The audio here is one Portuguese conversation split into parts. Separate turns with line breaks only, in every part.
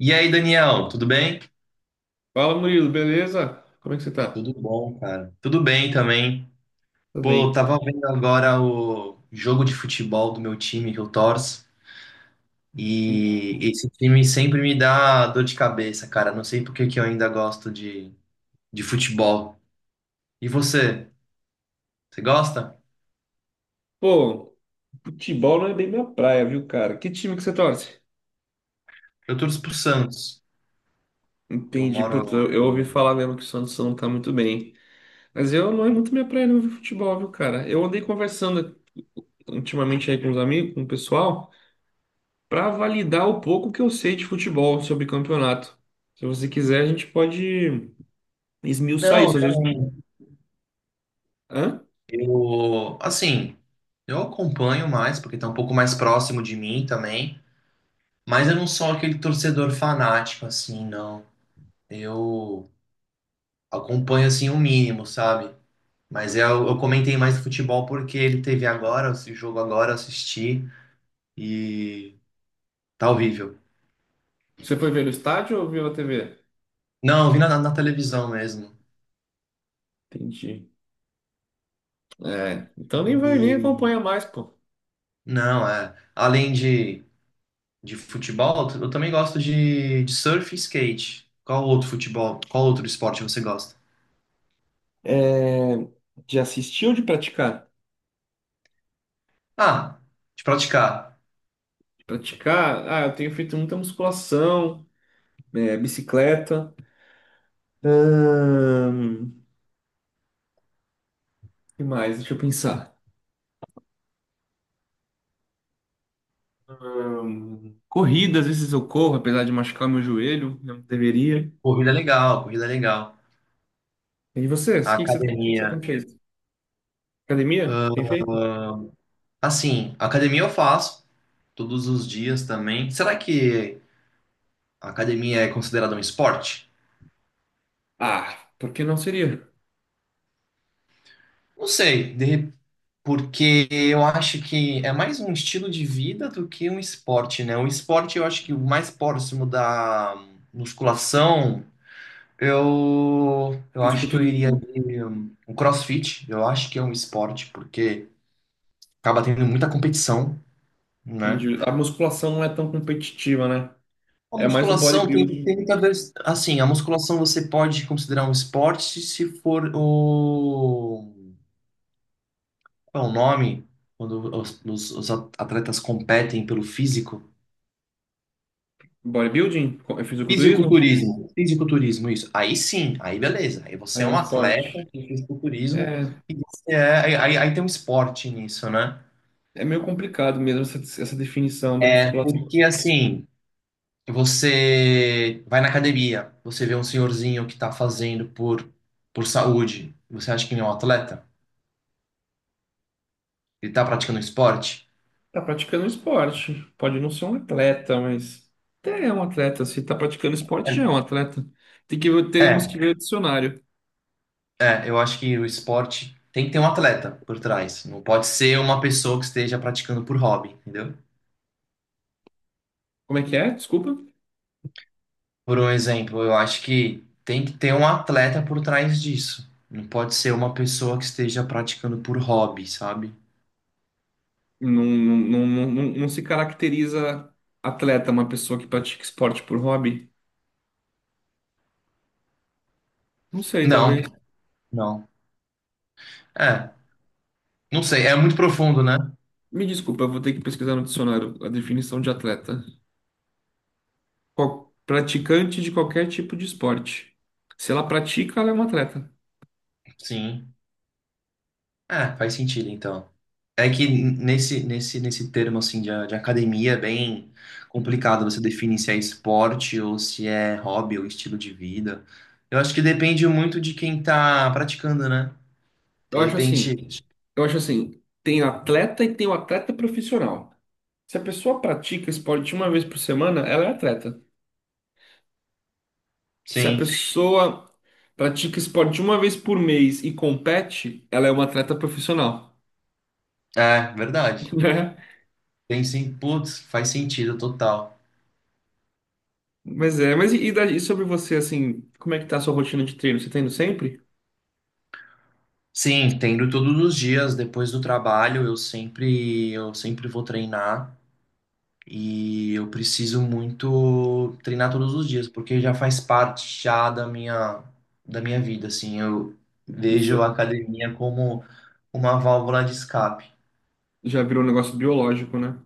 E aí, Daniel, tudo bem?
Fala, Murilo, beleza? Como é que você tá?
Tudo bom, cara. Tudo bem também.
Tô
Pô, eu
bem.
tava vendo agora o jogo de futebol do meu time que eu torço e esse time sempre me dá dor de cabeça, cara. Não sei por que que eu ainda gosto de futebol. E você? Você gosta?
Pô, futebol não é bem minha praia, viu, cara? Que time que você torce?
Eu torço pro Santos. Eu
Entendi. Putz,
moro.
eu ouvi falar mesmo que o Santos não tá muito bem. Mas eu não é muito minha praia, não, viu, futebol, viu, cara? Eu andei conversando ultimamente aí com os amigos, com o pessoal, pra validar o pouco que eu sei de futebol sobre campeonato. Se você quiser, a gente pode esmiuçar
Não, eu
isso. Às vezes-
também.
Hã?
Eu, assim, eu acompanho mais, porque tá um pouco mais próximo de mim também, mas eu não sou aquele torcedor fanático, assim, não. Eu acompanho assim o mínimo, sabe? Mas eu comentei mais do futebol porque ele teve agora, esse jogo agora, eu assisti e tá horrível.
Você foi ver no estádio ou viu na TV?
Não, eu vi na televisão mesmo.
Entendi. É, então nem vai, nem
E
acompanha mais, pô.
não, é. Além de futebol, eu também gosto de surf e skate. Qual outro futebol, qual outro esporte você gosta?
É, de assistir ou de praticar?
Ah, de praticar.
De praticar, ah, eu tenho feito muita musculação, é, bicicleta. Ahn, que mais? Deixa eu pensar. Corrida, às vezes eu corro, apesar de machucar meu joelho, não deveria.
Corrida é legal, corrida é legal.
E você?
A
O que que
academia.
você tem feito? Academia? Tem feito?
Assim, academia eu faço. Todos os dias também. Será que a academia é considerada um esporte?
Ah, por que não seria?
Não sei, porque eu acho que é mais um estilo de vida do que um esporte, né? O esporte eu acho que o mais próximo da musculação, eu acho que eu iria
Fisiculturismo.
de um CrossFit, eu acho que é um esporte, porque acaba tendo muita competição, né?
Entendi. A musculação não é tão competitiva, né?
A
É mais o
musculação tem
bodybuilding.
muita vez, assim, a musculação você pode considerar um esporte se for o Qual é o nome quando os atletas competem pelo físico?
Bodybuilding? Co- É fisiculturismo?
Fisiculturismo. Fisiculturismo. Isso. Aí sim, aí beleza. Aí você é
É um
um atleta
esporte.
de fisiculturismo
É,
e você é, aí, aí tem um esporte nisso, né?
é meio complicado mesmo essa definição da
É
musculação.
porque assim, você vai na academia, você vê um senhorzinho que tá fazendo por saúde. Você acha que ele é um atleta? Ele tá praticando um esporte?
Tá praticando um esporte. Pode não ser um atleta, mas até é um atleta. Se tá praticando esporte, já é um atleta.
É.
Teremos
É.
que ver o dicionário.
É, eu acho que o esporte tem que ter um atleta por trás. Não pode ser uma pessoa que esteja praticando por hobby, entendeu?
Como é que é? Desculpa.
Por um exemplo, eu acho que tem que ter um atleta por trás disso. Não pode ser uma pessoa que esteja praticando por hobby, sabe?
Não, se caracteriza atleta uma pessoa que pratica esporte por hobby? Não sei, talvez.
Não, não. É, não sei, é muito profundo, né?
Me desculpa, eu vou ter que pesquisar no dicionário a definição de atleta. Qual- praticante de qualquer tipo de esporte. Se ela pratica, ela é uma atleta.
Sim. Ah, faz sentido então. É que nesse termo assim de academia é bem complicado você definir se é esporte ou se é hobby ou estilo de vida. Eu acho que depende muito de quem tá praticando, né? De
Eu acho assim,
repente,
eu acho assim, tem atleta e tem o atleta profissional. Se a pessoa pratica esporte uma vez por semana, ela é atleta. Se a
sim,
pessoa pratica esporte uma vez por mês e compete, ela é uma atleta profissional,
é verdade.
né?
Tem sim, putz, faz sentido total.
Mas é, e daí- e sobre você, assim, como é que tá a sua rotina de treino? Você tá indo sempre?
Sim, tendo todos os dias depois do trabalho, eu sempre vou treinar. E eu preciso muito treinar todos os dias, porque já faz parte já da minha vida, assim. Eu
No
vejo a
seu,
academia como uma válvula de escape.
já virou um negócio biológico, né?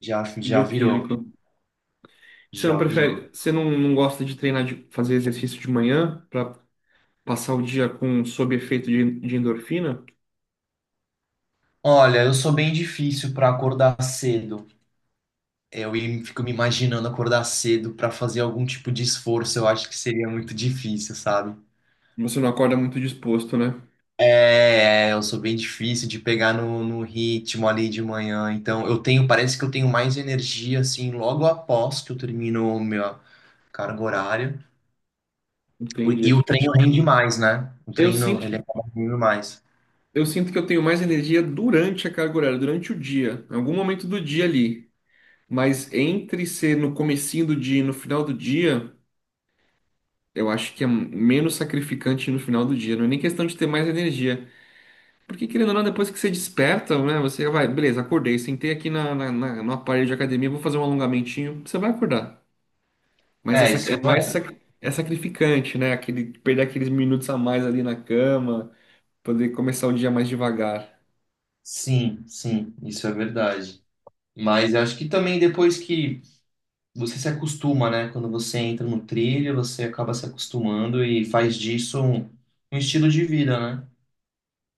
Já, já virou,
Bioquímico. Você não
já
prefere,
virou.
você não, não gosta de treinar, de fazer exercício de manhã? Passar o dia com sob efeito de endorfina,
Olha, eu sou bem difícil para acordar cedo. Fico me imaginando acordar cedo para fazer algum tipo de esforço. Eu acho que seria muito difícil, sabe?
você não acorda muito disposto, né?
É, eu sou bem difícil de pegar no ritmo ali de manhã. Então, eu tenho, parece que eu tenho mais energia assim logo após que eu termino o meu carga horária. E
Entendi.
o treino rende mais, né? O
Eu
treino, ele
sinto,
acaba rendendo mais.
eu sinto que eu tenho mais energia durante a carga horária, durante o dia, em algum momento do dia ali. Mas entre ser no comecinho do dia e no final do dia, eu acho que é menos sacrificante no final do dia. Não é nem questão de ter mais energia. Porque querendo ou não, depois que você desperta, né? Você vai, beleza, acordei, sentei aqui no aparelho de academia, vou fazer um alongamentinho, você vai acordar. Mas
É,
essa
isso
é mais
é.
sac- é sacrificante, né? Aquele, perder aqueles minutos a mais ali na cama, poder começar o dia mais devagar.
Sim, isso é verdade. Mas eu acho que também depois que você se acostuma, né? Quando você entra no trilho, você acaba se acostumando e faz disso um, um estilo de vida, né?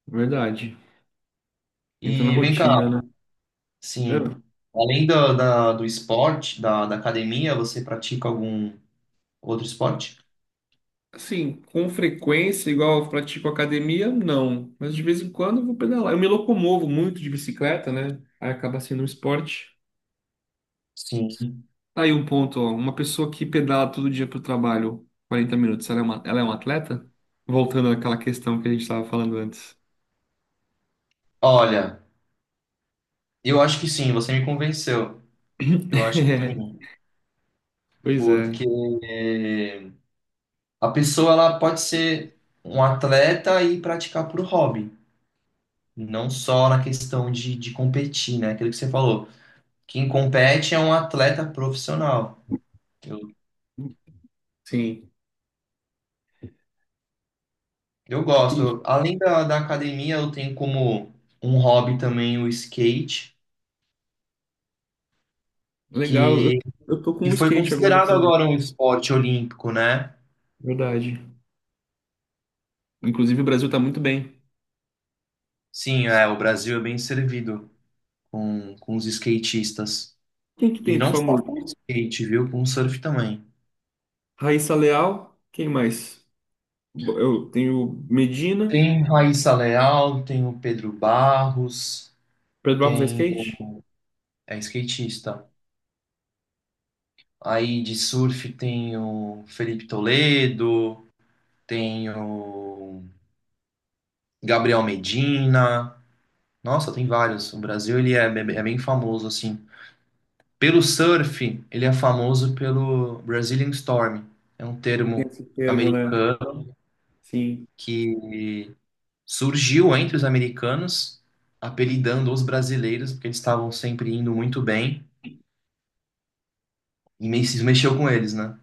Verdade. Entra na
E vem cá,
rotina, né? Ah,
Sim. Além do, da, do esporte, da, da academia, você pratica algum outro esporte?
assim, com frequência, igual eu pratico academia, não. Mas de vez em quando eu vou pedalar. Eu me locomovo muito de bicicleta, né? Aí acaba sendo um esporte.
Sim.
Tá aí um ponto, ó. Uma pessoa que pedala todo dia pro trabalho 40 minutos, ela é uma atleta? Voltando àquela questão que a gente estava falando antes.
Olha, eu acho que sim, você me convenceu. Eu acho que sim,
Pois é,
porque a pessoa ela pode ser um atleta e praticar por hobby, não só na questão de competir, né? Aquilo que você falou. Quem compete é um atleta profissional. Eu,
sim.
eu
Ih,
gosto. Além da academia, eu tenho como um hobby também o skate,
legal.
que
Eu tô com
E
um
foi
skate agora
considerado
também.
agora um esporte olímpico, né?
Verdade. Inclusive, o Brasil tá muito bem.
Sim, é, o Brasil é bem servido com os skatistas.
Quem que
E
tem de
não só
famoso?
skate, viu? Com o surf também.
Raíssa Leal. Quem mais? Bo- Eu tenho Medina.
Tem Raíssa Leal, tem o Pedro Barros,
Pedro Barros é
tem
skate?
o... É skatista. Aí de surf tem o Felipe Toledo, tem o Gabriel Medina. Nossa, tem vários. O Brasil, ele é, é bem famoso, assim. Pelo surf, ele é famoso pelo Brazilian Storm. É um
É, tem
termo
esse termo, né?
americano
Sim.
que surgiu entre os americanos, apelidando os brasileiros, porque eles estavam sempre indo muito bem e se mexeu com eles, né?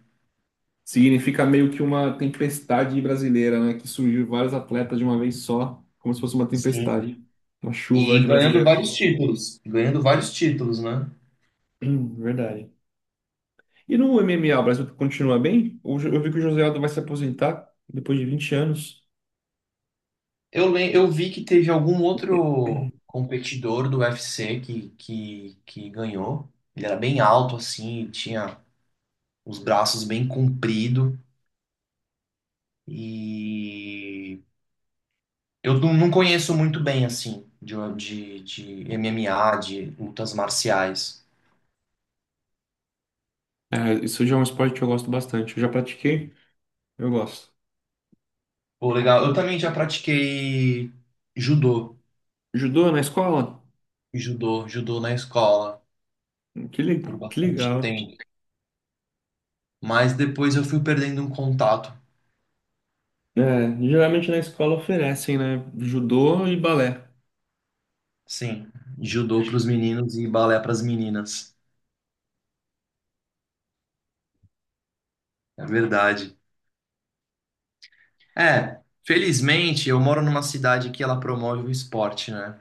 Significa meio que uma tempestade brasileira, né? Que surgiu vários atletas de uma vez só, como se fosse uma
Sim.
tempestade. Uma chuva
E
de
ganhando
brasileiro.
vários títulos. Ganhando vários títulos, né?
Verdade. E no MMA, o Brasil continua bem? Eu vi que o José Aldo vai se aposentar depois de 20 anos.
Eu vi que teve algum outro competidor do UFC que ganhou. Ele era bem alto, assim, tinha os braços bem compridos. E eu não conheço muito bem, assim, de MMA, de lutas marciais.
É, isso já é um esporte que eu gosto bastante. Eu já pratiquei, eu gosto.
Pô, legal. Eu também já pratiquei judô,
Judô na escola?
judô na escola
Que, le-
por
que
bastante
legal.
tempo. Mas depois eu fui perdendo um contato.
É, geralmente na escola oferecem, né? Judô e balé.
Sim, judô para os meninos e balé para as meninas. É verdade. É, felizmente eu moro numa cidade que ela promove o esporte, né?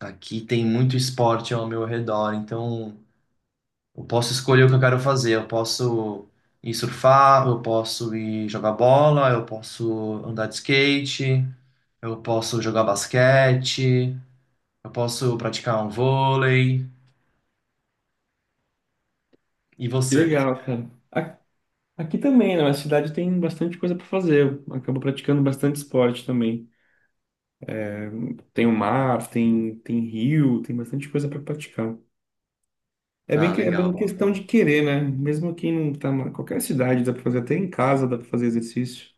Aqui tem muito esporte ao meu redor, então eu posso escolher o que eu quero fazer. Eu posso ir surfar, eu posso ir jogar bola, eu posso andar de skate, eu posso jogar basquete, eu posso praticar um vôlei. E
Que
você?
legal, cara. A- Aqui também, né? Na cidade tem bastante coisa para fazer. Eu acabo praticando bastante esporte também. Tem o mar, tem rio, tem bastante coisa para praticar. É bem,
Ah,
que- é
legal.
bem questão
Bacana.
de querer, né? Mesmo quem não tá em qualquer cidade, dá pra fazer até em casa, dá pra fazer exercício.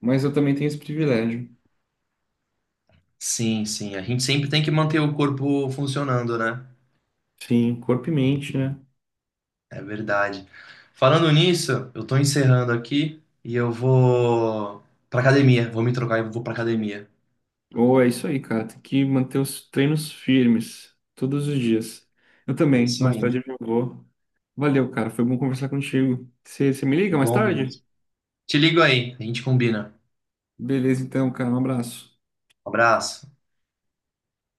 Mas eu também tenho esse privilégio.
Sim. A gente sempre tem que manter o corpo funcionando, né?
Sim, corpo e mente, né?
É verdade. Falando nisso, eu tô encerrando aqui e eu vou pra academia. Vou me trocar e vou pra academia.
Ou é isso aí, cara. Tem que manter os treinos firmes todos os dias. Eu
É
também,
isso
mais
aí.
tarde eu já vou. Valeu, cara. Foi bom conversar contigo. Você me liga mais tarde?
Igualmente. Te ligo aí, a gente combina.
Beleza, então, cara. Um abraço.
Um abraço.